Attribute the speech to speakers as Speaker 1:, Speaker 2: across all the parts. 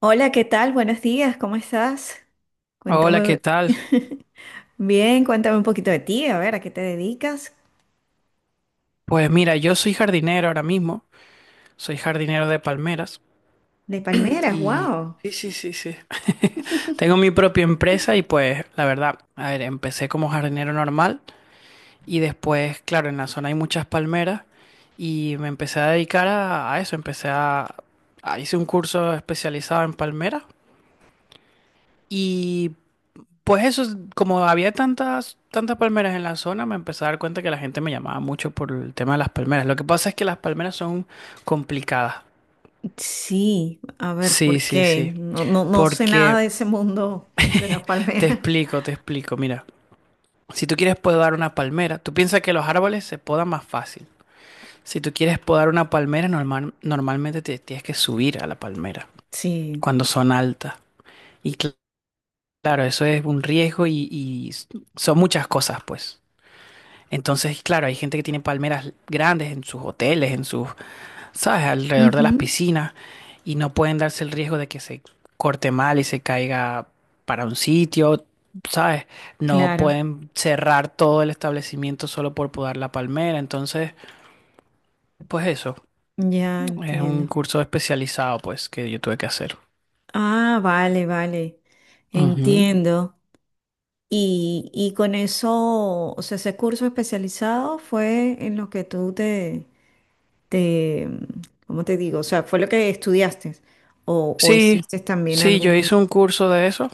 Speaker 1: Hola, ¿qué tal? Buenos días, ¿cómo estás?
Speaker 2: Hola, ¿qué
Speaker 1: Cuéntame.
Speaker 2: tal?
Speaker 1: Bien, cuéntame un poquito de ti, a ver, ¿a qué te dedicas?
Speaker 2: Pues mira, yo soy jardinero ahora mismo, soy jardinero de palmeras
Speaker 1: De palmeras,
Speaker 2: y...
Speaker 1: wow.
Speaker 2: Sí, sí, sí, sí. Tengo mi propia empresa y pues la verdad, a ver, empecé como jardinero normal y después, claro, en la zona hay muchas palmeras y me empecé a dedicar a eso, empecé a, hice un curso especializado en palmeras y pues eso, como había tantas, tantas palmeras en la zona, me empecé a dar cuenta que la gente me llamaba mucho por el tema de las palmeras. Lo que pasa es que las palmeras son complicadas.
Speaker 1: Sí, a ver, ¿por
Speaker 2: Sí, sí,
Speaker 1: qué?
Speaker 2: sí.
Speaker 1: No, no sé nada
Speaker 2: Porque
Speaker 1: de ese mundo de las
Speaker 2: te
Speaker 1: palmeras.
Speaker 2: explico, te explico. Mira, si tú quieres podar una palmera, tú piensas que los árboles se podan más fácil. Si tú quieres podar una palmera, normal, normalmente te tienes que subir a la palmera
Speaker 1: Sí.
Speaker 2: cuando son altas. Y claro, eso es un riesgo y son muchas cosas, pues. Entonces, claro, hay gente que tiene palmeras grandes en sus hoteles, en sus, ¿sabes?, alrededor de las
Speaker 1: Ujú.
Speaker 2: piscinas y no pueden darse el riesgo de que se corte mal y se caiga para un sitio, ¿sabes? No
Speaker 1: Claro,
Speaker 2: pueden cerrar todo el establecimiento solo por podar la palmera. Entonces, pues eso,
Speaker 1: ya
Speaker 2: es un
Speaker 1: entiendo.
Speaker 2: curso especializado, pues, que yo tuve que hacer.
Speaker 1: Ah, vale, vale,
Speaker 2: Ujú.
Speaker 1: entiendo. Y con eso, o sea, ese curso especializado fue en lo que tú te, ¿cómo te digo? O sea, ¿fue lo que estudiaste? ¿O
Speaker 2: Sí,
Speaker 1: hiciste también
Speaker 2: sí, yo
Speaker 1: algún...
Speaker 2: hice un curso de eso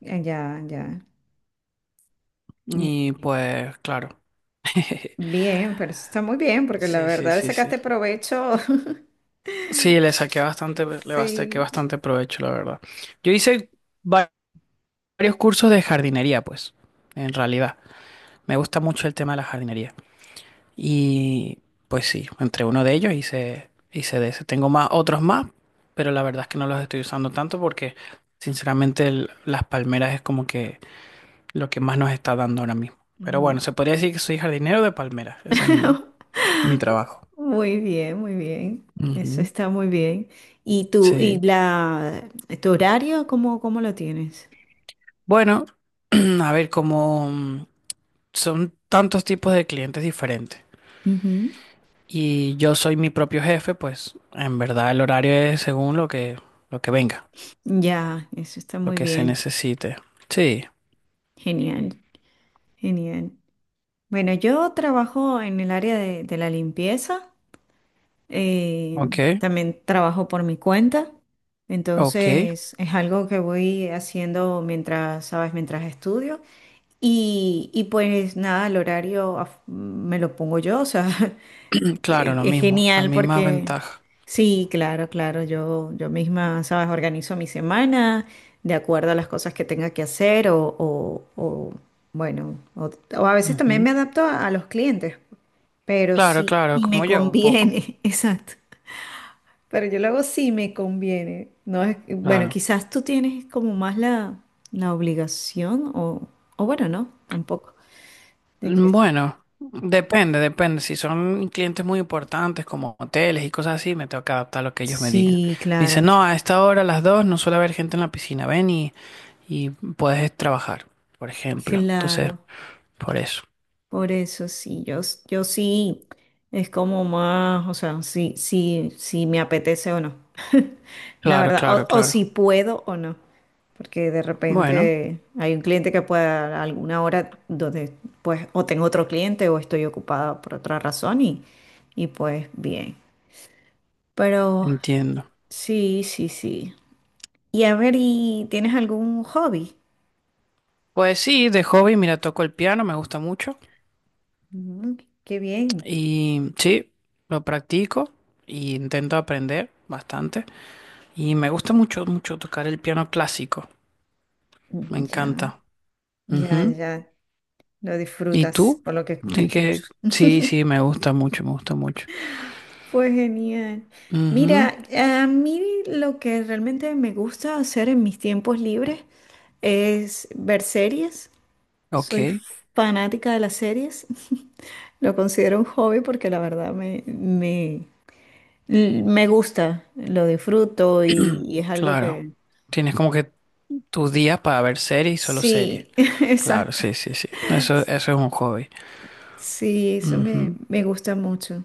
Speaker 1: Ya, ya. Mu-
Speaker 2: y pues, claro.
Speaker 1: Bien, pero eso está muy bien, porque la
Speaker 2: Sí, sí,
Speaker 1: verdad le
Speaker 2: sí, sí.
Speaker 1: sacaste provecho.
Speaker 2: Sí, le saqué
Speaker 1: Sí.
Speaker 2: bastante provecho, la verdad. Yo hice va- varios cursos de jardinería, pues, en realidad. Me gusta mucho el tema de la jardinería. Y pues sí, entre uno de ellos hice, hice de ese. Tengo más, otros más, pero la verdad es que no los estoy usando tanto porque, sinceramente, las palmeras es como que lo que más nos está dando ahora mismo. Pero bueno,
Speaker 1: Mm.
Speaker 2: se podría decir que soy jardinero de palmeras. Ese es mi, mi trabajo.
Speaker 1: Muy bien, muy bien. Eso
Speaker 2: Ujú.
Speaker 1: está muy bien. ¿Y
Speaker 2: Sí.
Speaker 1: tu horario, cómo lo tienes?
Speaker 2: Bueno, a ver, como son tantos tipos de clientes diferentes.
Speaker 1: Ujú.
Speaker 2: Y yo soy mi propio jefe, pues en verdad el horario es según lo que venga,
Speaker 1: Ya, eso está
Speaker 2: lo
Speaker 1: muy
Speaker 2: que se
Speaker 1: bien.
Speaker 2: necesite. Sí,
Speaker 1: Genial, genial. Bueno, yo trabajo en el área de la limpieza. eh,
Speaker 2: ok,
Speaker 1: También trabajo por mi cuenta,
Speaker 2: ok.
Speaker 1: entonces es algo que voy haciendo mientras, sabes, mientras estudio. Y pues nada, el horario me lo pongo yo, o sea,
Speaker 2: Claro, lo
Speaker 1: es
Speaker 2: mismo, la
Speaker 1: genial
Speaker 2: misma
Speaker 1: porque
Speaker 2: ventaja.
Speaker 1: sí, claro, claro, yo misma, sabes, organizo mi semana de acuerdo a las cosas que tenga que hacer o, o a veces también me
Speaker 2: Ujú.
Speaker 1: adapto a los clientes, pero
Speaker 2: Claro,
Speaker 1: sí,
Speaker 2: claro,
Speaker 1: y me
Speaker 2: como yo, un poco.
Speaker 1: conviene, exacto. Pero yo lo hago si me conviene. No es, bueno,
Speaker 2: Claro.
Speaker 1: quizás tú tienes como más la obligación o bueno, no, tampoco. De que
Speaker 2: Bueno, depende, depende. Si son clientes muy importantes como hoteles y cosas así, me tengo que adaptar a lo que ellos me digan.
Speaker 1: sí,
Speaker 2: Me dicen,
Speaker 1: claro,
Speaker 2: no, a esta hora, a las dos, no suele haber gente en la piscina. Ven y puedes trabajar, por ejemplo. Entonces,
Speaker 1: claro.
Speaker 2: por eso.
Speaker 1: Por eso sí, yo sí, es como más, o sea, sí, sí, sí me apetece o no, la
Speaker 2: Claro,
Speaker 1: verdad,
Speaker 2: claro,
Speaker 1: o si
Speaker 2: claro.
Speaker 1: puedo o no, porque de
Speaker 2: Bueno,
Speaker 1: repente hay un cliente que pueda a alguna hora donde pues o tengo otro cliente o estoy ocupada por otra razón y pues bien, pero
Speaker 2: entiendo.
Speaker 1: sí, sí, sí. Y a ver, ¿y tienes algún hobby?
Speaker 2: Pues sí, de hobby, mira, toco el piano, me gusta mucho
Speaker 1: Mm, qué bien,
Speaker 2: y sí, lo practico y intento aprender bastante y me gusta mucho, mucho tocar el piano clásico, me
Speaker 1: ya,
Speaker 2: encanta.
Speaker 1: ya,
Speaker 2: Ujú.
Speaker 1: ya. Lo
Speaker 2: ¿Y
Speaker 1: disfrutas
Speaker 2: tú?
Speaker 1: por lo que te
Speaker 2: Sí,
Speaker 1: escucho.
Speaker 2: que... sí, sí, me gusta mucho, me gusta mucho.
Speaker 1: Fue genial.
Speaker 2: Ujú.
Speaker 1: Mira, a mí lo que realmente me gusta hacer en mis tiempos libres es ver series.
Speaker 2: Ok,
Speaker 1: Soy fanática de las series. Lo considero un hobby porque la verdad me gusta, lo disfruto y es algo
Speaker 2: claro.
Speaker 1: que...
Speaker 2: Tienes como que tus días para ver series y solo series.
Speaker 1: Sí,
Speaker 2: Claro,
Speaker 1: exacto.
Speaker 2: sí, sí, sí. Eso es un hobby.
Speaker 1: Sí, eso
Speaker 2: Ujú.
Speaker 1: me gusta mucho.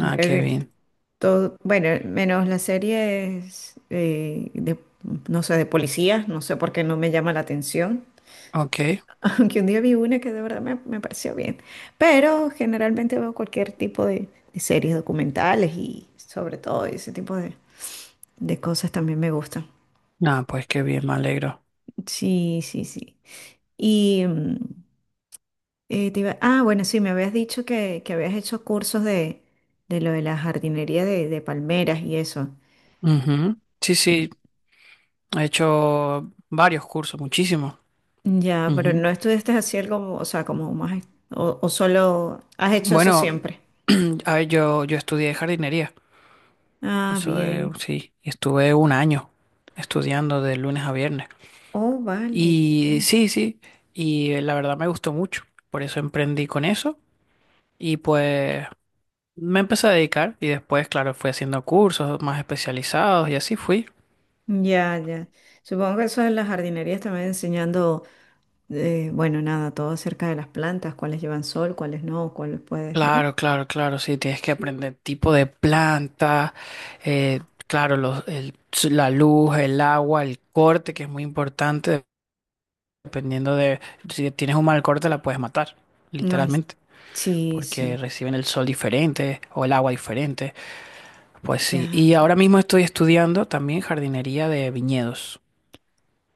Speaker 2: Ah, qué bien.
Speaker 1: Todo, bueno, menos las series de no sé, de policías, no sé por qué no me llama la atención,
Speaker 2: Ok.
Speaker 1: aunque un día vi una que de verdad me pareció bien, pero generalmente veo cualquier tipo de series documentales y sobre todo ese tipo de cosas también me gustan.
Speaker 2: Ah, pues qué bien, me alegro.
Speaker 1: Sí, sí, sí. Y mm, ah, bueno, sí, me habías dicho que habías hecho cursos de lo de la jardinería de palmeras y eso.
Speaker 2: Ujú. Sí, sí, he hecho varios cursos, muchísimos.
Speaker 1: Ya, pero
Speaker 2: Ujú.
Speaker 1: no estudiaste así algo, o sea, como más, o solo has hecho eso
Speaker 2: Bueno,
Speaker 1: siempre.
Speaker 2: a ver, yo estudié jardinería.
Speaker 1: Ah,
Speaker 2: Eso
Speaker 1: bien.
Speaker 2: sí, estuve un año estudiando de lunes a viernes.
Speaker 1: Oh, vale, qué
Speaker 2: Y
Speaker 1: bien.
Speaker 2: sí, sí, y la verdad me gustó mucho. Por eso emprendí con eso. Y pues me empecé a dedicar y después, claro, fui haciendo cursos más especializados y así fui.
Speaker 1: Ya, ya. Supongo que eso en las jardinerías también enseñando, bueno, nada, todo acerca de las plantas, cuáles llevan sol, cuáles no, cuáles puedes, ¿no?
Speaker 2: Claro, claro, claro, sí, tienes que aprender tipo de planta, eh, claro, la luz, el agua, el corte, que es muy importante, dependiendo de si tienes un mal corte la puedes matar,
Speaker 1: Ay,
Speaker 2: literalmente,
Speaker 1: sí,
Speaker 2: porque
Speaker 1: sí,
Speaker 2: reciben el sol diferente o el agua diferente. Pues sí,
Speaker 1: ya.
Speaker 2: y ahora mismo estoy estudiando también jardinería de viñedos.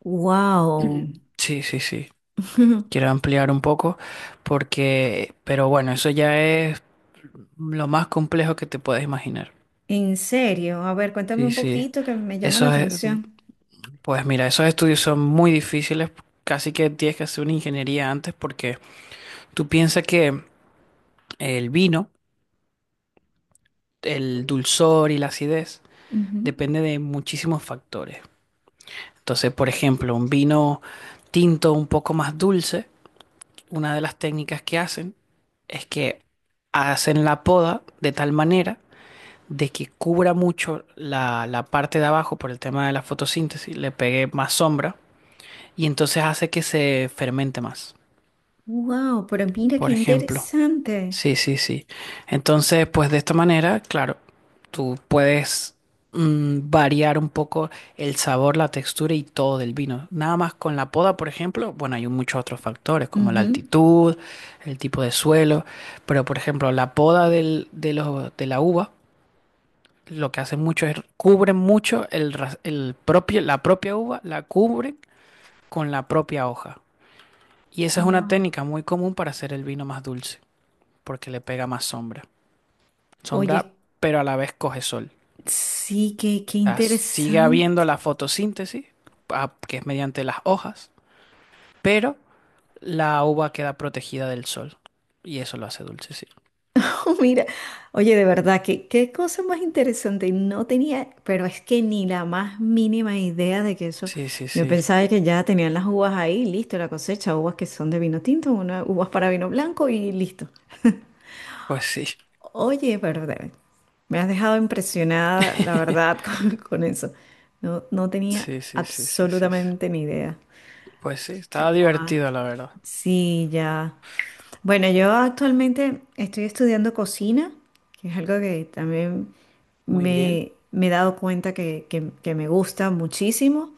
Speaker 1: Wow.
Speaker 2: Sí, sí, sí. Quiero ampliar un poco porque, pero bueno, eso ya es lo más complejo que te puedes imaginar.
Speaker 1: En serio, a ver, cuéntame
Speaker 2: Sí,
Speaker 1: un
Speaker 2: sí.
Speaker 1: poquito que me llama la
Speaker 2: Esos,
Speaker 1: atención.
Speaker 2: pues mira, esos estudios son muy difíciles, casi que tienes que hacer una ingeniería antes porque tú piensas que el vino, el dulzor y la acidez depende de muchísimos factores. Entonces, por ejemplo, un vino tinto un poco más dulce, una de las técnicas que hacen es que hacen la poda de tal manera de que cubra mucho la parte de abajo por el tema de la fotosíntesis, le pegue más sombra y entonces hace que se fermente más,
Speaker 1: Wow, pero mira qué
Speaker 2: por ejemplo.
Speaker 1: interesante.
Speaker 2: Sí, sí, sí. Entonces, pues de esta manera, claro, tú puedes variar un poco el sabor, la textura y todo del vino. Nada más con la poda, por ejemplo, bueno, hay muchos otros factores como la altitud, el tipo de suelo, pero por ejemplo, la poda de, de la uva lo que hacen mucho es cubren mucho el, el propio, la propia uva, la cubren con la propia hoja. Y esa es una
Speaker 1: Wow.
Speaker 2: técnica muy común para hacer el vino más dulce, porque le pega más sombra. Sombra,
Speaker 1: Oye,
Speaker 2: pero a la vez coge sol.
Speaker 1: sí, qué, qué
Speaker 2: O sea, sigue habiendo
Speaker 1: interesante.
Speaker 2: la fotosíntesis, ah, que es mediante las hojas, pero la uva queda protegida del sol. Y eso lo hace dulce, sí.
Speaker 1: Oh, mira, oye, de verdad, qué, qué cosa más interesante. No tenía, pero es que ni la más mínima idea de que eso.
Speaker 2: Sí, sí,
Speaker 1: Yo
Speaker 2: sí.
Speaker 1: pensaba que ya tenían las uvas ahí, listo, la cosecha, uvas que son de vino tinto, unas uvas para vino blanco y listo.
Speaker 2: Pues sí.
Speaker 1: Oye, me has dejado impresionada, la verdad, con eso. No, no tenía
Speaker 2: Sí, sí, sí, sí, sí, sí.
Speaker 1: absolutamente ni idea.
Speaker 2: Pues sí, estaba divertido, la verdad.
Speaker 1: Sí, ya. Bueno, yo actualmente estoy estudiando cocina, que es algo que también
Speaker 2: Muy bien.
Speaker 1: me he dado cuenta que me gusta muchísimo,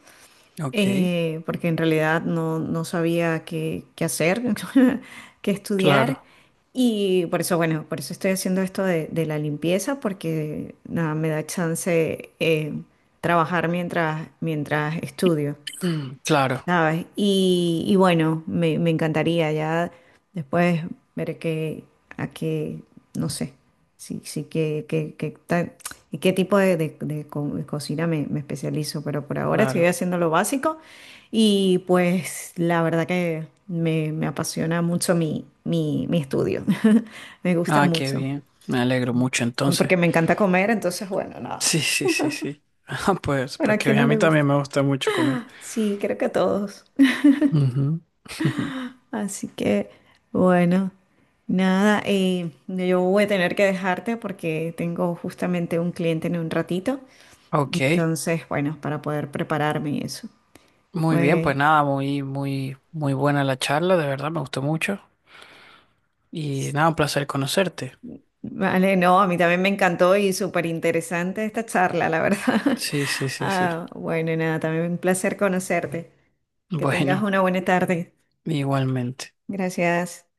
Speaker 2: Ok.
Speaker 1: porque en realidad no sabía qué, qué hacer, qué estudiar.
Speaker 2: Claro,
Speaker 1: Y por eso, bueno, por eso estoy haciendo esto de la limpieza, porque nada, me da chance trabajar mientras, mientras estudio.
Speaker 2: mm, claro,
Speaker 1: ¿Sabes? Y bueno, me encantaría ya después ver qué, a qué, no sé, sí, sí, qué, qué, qué tal y qué tipo de cocina me especializo, pero por ahora estoy
Speaker 2: claro.
Speaker 1: haciendo lo básico y pues la verdad que me apasiona mucho mi estudio, me gusta
Speaker 2: Ah, qué
Speaker 1: mucho,
Speaker 2: bien. Me alegro mucho entonces.
Speaker 1: porque me encanta comer, entonces bueno, nada,
Speaker 2: Sí, sí, sí, sí. Ah, pues,
Speaker 1: bueno, ¿a
Speaker 2: pues
Speaker 1: quién
Speaker 2: que a
Speaker 1: no le
Speaker 2: mí también
Speaker 1: gusta?
Speaker 2: me gusta mucho comer.
Speaker 1: Sí, creo que a todos.
Speaker 2: Ujú.
Speaker 1: Así que, bueno, nada, yo voy a tener que dejarte porque tengo justamente un cliente en un ratito.
Speaker 2: Ok,
Speaker 1: Entonces, bueno, para poder prepararme y eso.
Speaker 2: muy bien, pues
Speaker 1: Fue,
Speaker 2: nada, muy, muy, muy buena la charla, de verdad, me gustó mucho. Y nada, un placer conocerte.
Speaker 1: vale, no, a mí también me encantó y súper interesante esta charla, la verdad.
Speaker 2: Sí, sí, sí, sí.
Speaker 1: Ah, bueno, nada, también un placer conocerte. Que tengas
Speaker 2: Bueno,
Speaker 1: una buena tarde.
Speaker 2: igualmente.
Speaker 1: Gracias.